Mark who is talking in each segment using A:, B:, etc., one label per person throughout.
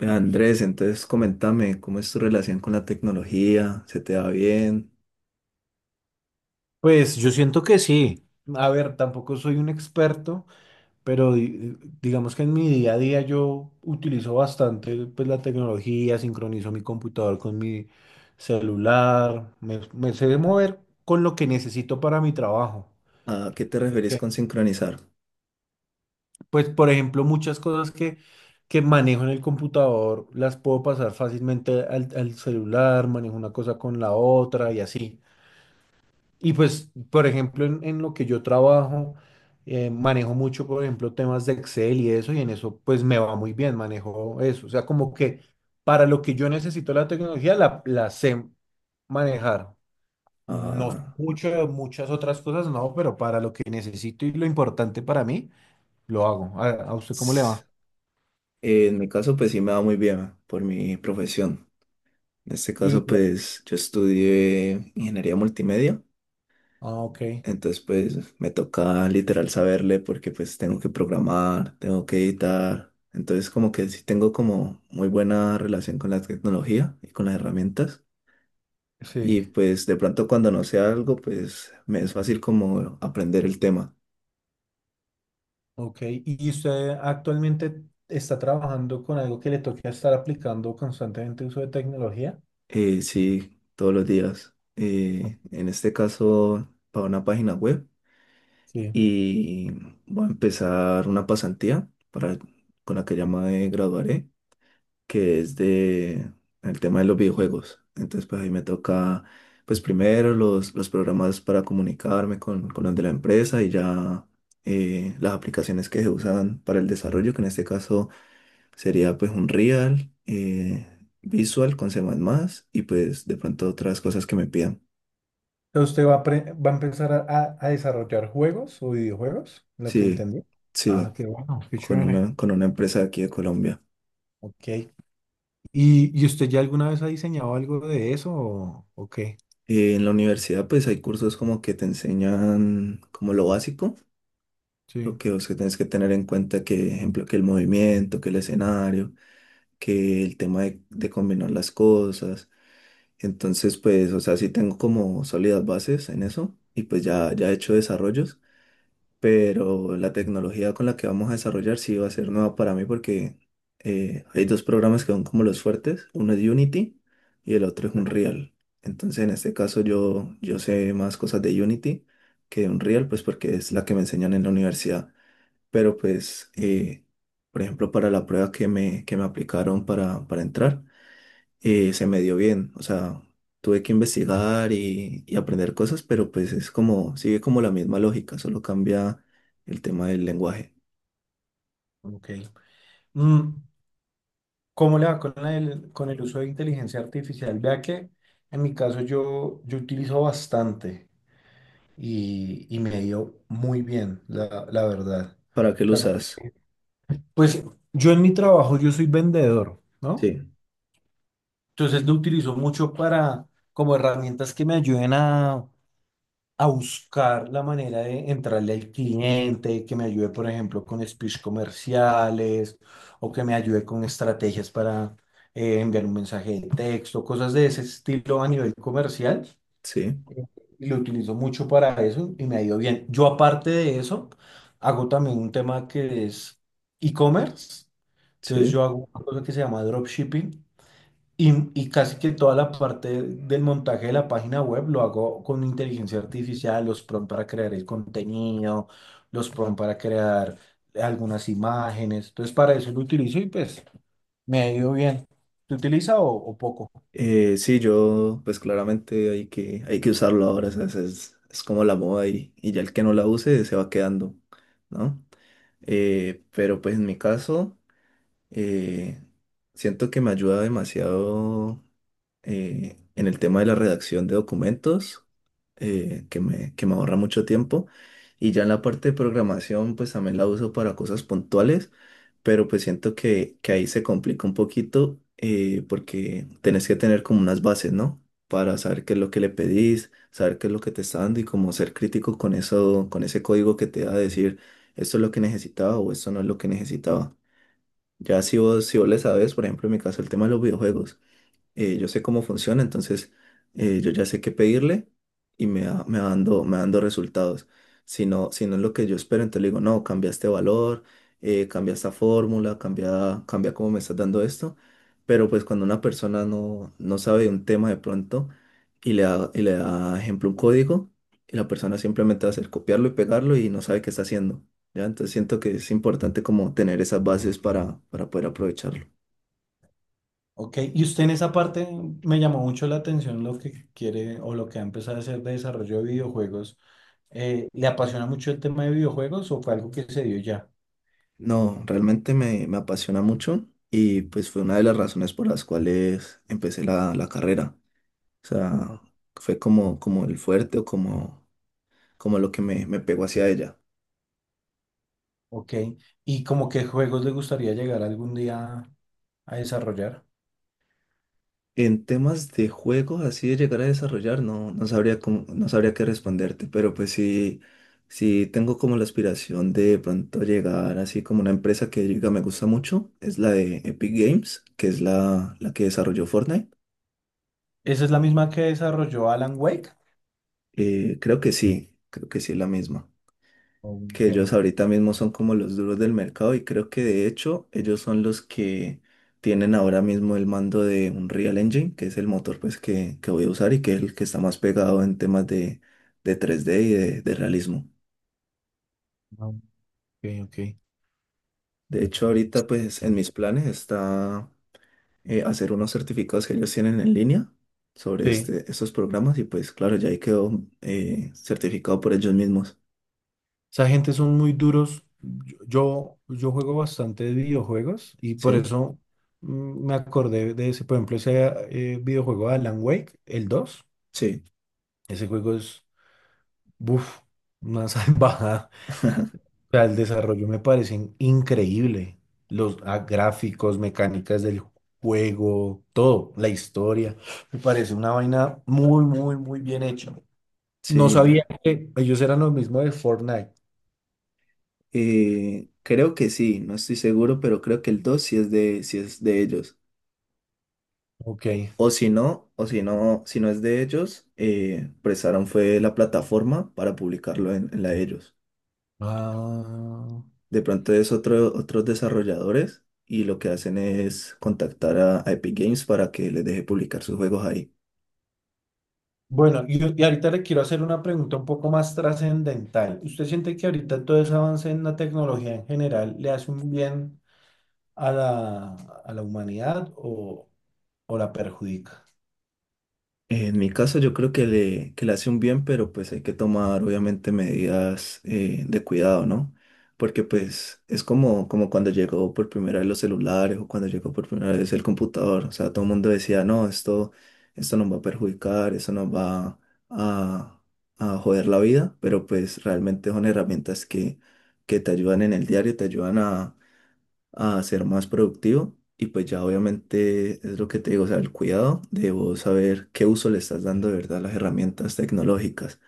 A: Ve, Andrés, entonces coméntame cómo es tu relación con la tecnología, ¿se te va bien?
B: Pues yo siento que sí. A ver, tampoco soy un experto, pero digamos que en mi día a día yo utilizo bastante, pues, la tecnología. Sincronizo mi computador con mi celular, me sé mover con lo que necesito para mi trabajo.
A: ¿A qué te referís
B: Que...
A: con sincronizar?
B: Pues, por ejemplo, muchas que manejo en el computador las puedo pasar fácilmente al celular, manejo una cosa con la otra y así. Y pues, por ejemplo, en lo que yo trabajo, manejo mucho, por ejemplo, temas de Excel y eso, y en eso pues me va muy bien, manejo eso. O sea, como que para lo que yo necesito la tecnología, la sé manejar. No sé
A: Ah,
B: mucho de muchas otras cosas, no, pero para lo que necesito y lo importante para mí, lo hago. A usted cómo le
A: ts-
B: va?
A: en mi caso, pues sí me va muy bien por mi profesión. En este caso,
B: Y,
A: pues yo estudié ingeniería multimedia,
B: ah, ok,
A: entonces pues me toca literal saberle porque pues tengo que programar, tengo que editar, entonces como que sí tengo como muy buena relación con la tecnología y con las herramientas. Y
B: sí,
A: pues de pronto cuando no sé algo, pues me es fácil como aprender el tema.
B: ok. ¿Y usted actualmente está trabajando con algo que le toque estar aplicando constantemente uso de tecnología?
A: Sí, todos los días. En este caso, para una página web.
B: Sí.
A: Y voy a empezar una pasantía para, con la que ya me graduaré, que es de el tema de los videojuegos. Entonces, pues ahí me toca, pues primero los programas para comunicarme con los de la empresa y ya las aplicaciones que se usan para el desarrollo, que en este caso sería pues un Real, Visual con C++ y pues de pronto otras cosas que me pidan.
B: Entonces, ¿usted va a, va a empezar a desarrollar juegos o videojuegos? Lo que
A: Sí,
B: entendí. Ah,
A: sí,
B: qué bueno, qué chévere.
A: con una empresa de aquí de Colombia.
B: Ok. Y usted ya alguna vez ha diseñado algo de eso o qué?
A: En la universidad pues hay cursos como que te enseñan como lo básico,
B: Sí.
A: lo que, o sea, tienes que tener en cuenta que, ejemplo, que el movimiento, que el escenario, que el tema de combinar las cosas. Entonces pues, o sea, sí tengo como sólidas bases en eso y pues ya, ya he hecho desarrollos. Pero la tecnología con la que vamos a desarrollar sí va a ser nueva para mí porque hay dos programas que son como los fuertes, uno es Unity y el otro es
B: Sí.
A: Unreal. Entonces en este caso yo, yo sé más cosas de Unity que de Unreal, pues porque es la que me enseñan en la universidad. Pero pues, por ejemplo, para la prueba que me aplicaron para entrar se me dio bien. O sea, tuve que investigar y aprender cosas, pero pues es como, sigue como la misma lógica, solo cambia el tema del lenguaje.
B: Ok. Mm, ¿cómo le va con el uso de inteligencia artificial? Vea que en mi caso yo, yo utilizo bastante y me ha ido muy bien, la verdad.
A: ¿Para qué
B: O
A: lo
B: sea,
A: usas?
B: pues yo en mi trabajo yo soy vendedor, ¿no?
A: Sí,
B: Entonces lo utilizo mucho para, como herramientas que me ayuden a buscar la manera de entrarle al cliente, que me ayude, por ejemplo, con speech comerciales o que me ayude con estrategias para enviar un mensaje de texto, cosas de ese estilo a nivel comercial.
A: sí,
B: eh, Y lo utilizo mucho para eso y me ha ido bien. Yo aparte de eso, hago también un tema que es e-commerce. Entonces
A: sí.
B: yo hago una cosa que se llama dropshipping y casi que toda la parte del montaje de la página web lo hago con inteligencia artificial, los prompts para crear el contenido, los prompts para crear algunas imágenes. Entonces, para eso lo utilizo y pues me ha ido bien. ¿Se utiliza o poco?
A: Sí, yo, pues claramente hay que usarlo ahora, o sea, es, es como la moda y ya el que no la use se va quedando, ¿no? Pero pues en mi caso... Eh, Siento que me ayuda demasiado en el tema de la redacción de documentos, que me ahorra mucho tiempo. Y ya en la parte de programación, pues también la uso para cosas puntuales, pero pues siento que ahí se complica un poquito porque tenés que tener como unas bases, ¿no? Para saber qué es lo que le pedís, saber qué es lo que te está dando y como ser crítico con eso, con ese código que te da a decir, esto es lo que necesitaba o esto no es lo que necesitaba. Ya si vos, si vos le sabes, por ejemplo, en mi caso, el tema de los videojuegos yo sé cómo funciona, entonces yo ya sé qué pedirle y me va dando resultados. Si no, si no es lo que yo espero, entonces le digo, no, cambia este valor, cambia esta fórmula, cambia, cambia cómo me estás dando esto. Pero pues cuando una persona no, no sabe de un tema de pronto y le da ejemplo un código, y la persona simplemente va a hacer copiarlo y pegarlo y no sabe qué está haciendo. ¿Ya? Entonces siento que es importante como tener esas bases para poder aprovecharlo.
B: Ok. Y usted en esa parte me llamó mucho la atención lo que quiere o lo que ha empezado a hacer de desarrollo de videojuegos. ¿Le apasiona mucho el tema de videojuegos o fue algo que se dio ya?
A: No, realmente me, me apasiona mucho y pues fue una de las razones por las cuales empecé la, la carrera. O sea, fue como, como el fuerte o como, como lo que me pegó hacia ella.
B: Ok. ¿Y como qué juegos le gustaría llegar algún día a desarrollar?
A: En temas de juegos, así de llegar a desarrollar, no, no sabría no sabría qué responderte, pero pues sí, sí tengo como la aspiración de pronto llegar así como una empresa que diga me gusta mucho, es la de Epic Games, que es la, la que desarrolló Fortnite.
B: ¿Esa es la misma que desarrolló Alan Wake?
A: Creo que sí, creo que sí es la misma. Que
B: Ok,
A: ellos ahorita mismo son como los duros del mercado y creo que de hecho ellos son los que tienen ahora mismo el mando de un Real Engine, que es el motor pues que voy a usar y que es el que está más pegado en temas de tres d y de realismo.
B: ok, ok.
A: De hecho ahorita pues en mis planes está hacer unos certificados que ellos tienen en línea sobre
B: Sí,
A: este, estos programas y pues claro, ya ahí quedó certificado por ellos mismos.
B: esa gente son muy duros. Yo juego bastante de videojuegos y por
A: Sí,
B: eso, mm, me acordé de ese, por ejemplo, ese, videojuego de Alan Wake, el dos.
A: sí,
B: Ese juego es, buf, una salvajada. Sea, el desarrollo me parecen increíble. Los, ah, gráficos, mecánicas del juego, todo, la historia. Me parece una vaina muy, muy, muy bien hecha. No
A: sí.
B: sabía que ellos eran los mismos de Fortnite.
A: Creo que sí, no estoy seguro, pero creo que el 2 sí es de ellos.
B: Ok.
A: O si no, si no es de ellos, prestaron fue la plataforma para publicarlo en la de ellos.
B: Ah,
A: De pronto es otro, otros desarrolladores y lo que hacen es contactar a Epic Games para que les deje publicar sus juegos ahí.
B: bueno, y ahorita le quiero hacer una pregunta un poco más trascendental. ¿Usted siente que ahorita todo ese avance en la tecnología en general le hace un bien a la, a la humanidad o la perjudica?
A: En mi caso yo creo que le hace un bien, pero pues hay que tomar obviamente medidas de cuidado, ¿no? Porque
B: Sí.
A: pues es como, como cuando llegó por primera vez los celulares o cuando llegó por primera vez el computador. O sea, todo el mundo decía, no, esto nos va a perjudicar, eso nos va a, a joder la vida, pero pues realmente son herramientas que te ayudan en el diario, te ayudan a ser más productivo. Y pues ya obviamente es lo que te digo, o sea, el cuidado de vos saber qué uso le estás dando de verdad a las herramientas tecnológicas.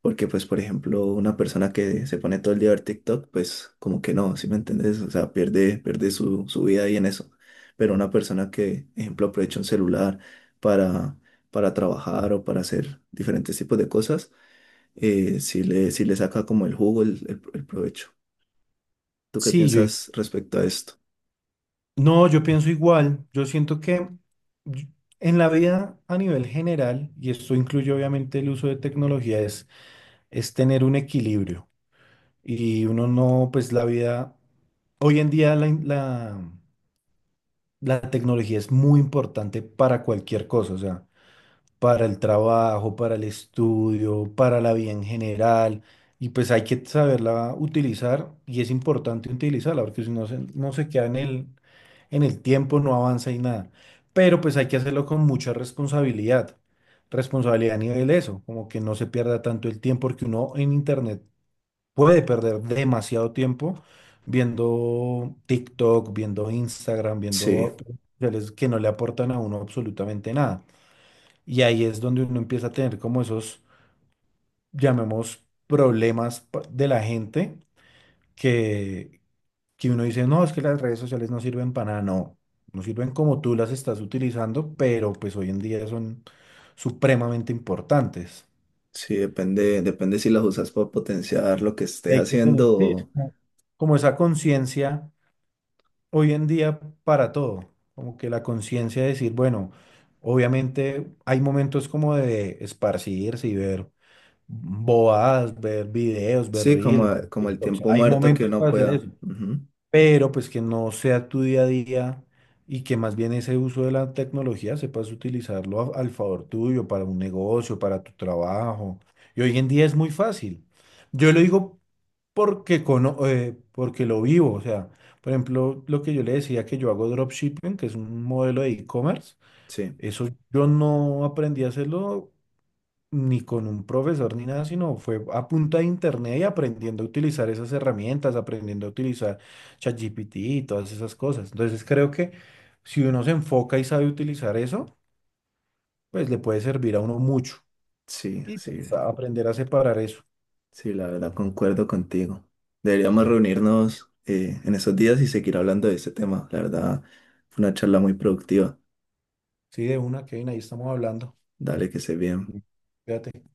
A: Porque pues, por ejemplo, una persona que se pone todo el día a ver TikTok, pues como que no, ¿sí me entendés? O sea, pierde, pierde su, su vida ahí en eso. Pero una persona que, ejemplo, aprovecha un celular para, para trabajar o para hacer diferentes tipos de cosas, sí le saca como el jugo, el, el provecho. ¿Tú qué
B: Sí, yo...
A: piensas respecto a esto?
B: No, yo pienso igual. Yo siento que y- en la vida a nivel general, y esto incluye obviamente el uso de tecnología, es tener un equilibrio. Y uno no, pues la vida, hoy en día la tecnología es muy importante para cualquier cosa. O sea, para el trabajo, para el estudio, para la vida en general. Y pues hay que saberla utilizar y es importante utilizarla porque si no se queda en el tiempo, no avanza y nada. Pero pues hay que hacerlo con mucha responsabilidad. Responsabilidad a nivel eso, como que no se pierda tanto el tiempo porque uno en internet puede perder demasiado tiempo viendo TikTok, viendo Instagram,
A: Sí.
B: viendo redes que no le aportan a uno absolutamente nada. Y ahí es donde uno empieza a tener como esos, llamemos, problemas de la gente que, que uno dice, no, es que las redes sociales no sirven para nada, no, no sirven como tú las estás utilizando, pero pues hoy en día son supremamente importantes.
A: Sí, depende, depende si las usas para potenciar lo que
B: Y
A: estés
B: hay que tener,
A: haciendo.
B: sí, es como como esa conciencia hoy en día para todo, como que la conciencia de decir, bueno, obviamente hay momentos como de esparcirse y ver bobadas, ver videos, ver
A: Sí, como,
B: reels.
A: como el
B: TikToks.
A: tiempo
B: Hay
A: muerto que
B: momentos
A: uno
B: para hacer eso,
A: pueda. Ujú,
B: pero pues que no sea tu día a día y que más bien ese uso de la tecnología sepas utilizarlo al favor tuyo, para un negocio, para tu trabajo. Y hoy en día es muy fácil. Yo lo digo porque, porque lo vivo, o sea, por ejemplo, lo que yo le decía que yo hago dropshipping, que es un modelo de e-commerce,
A: sí,
B: eso yo no aprendí a hacerlo ni con un profesor ni nada, sino fue a punta de internet y aprendiendo a utilizar esas herramientas, aprendiendo a utilizar ChatGPT y todas esas cosas. Entonces creo que si uno se enfoca y sabe utilizar eso, pues le puede servir a uno mucho.
A: sí,
B: Y
A: sí.
B: pues aprender a separar eso.
A: Sí, la verdad concuerdo contigo. Deberíamos reunirnos en esos días y seguir hablando de este tema. La verdad, fue una charla muy productiva.
B: Sí, de una, Kevin, ahí estamos hablando.
A: Dale, que se bien.
B: Sí. Fíjate.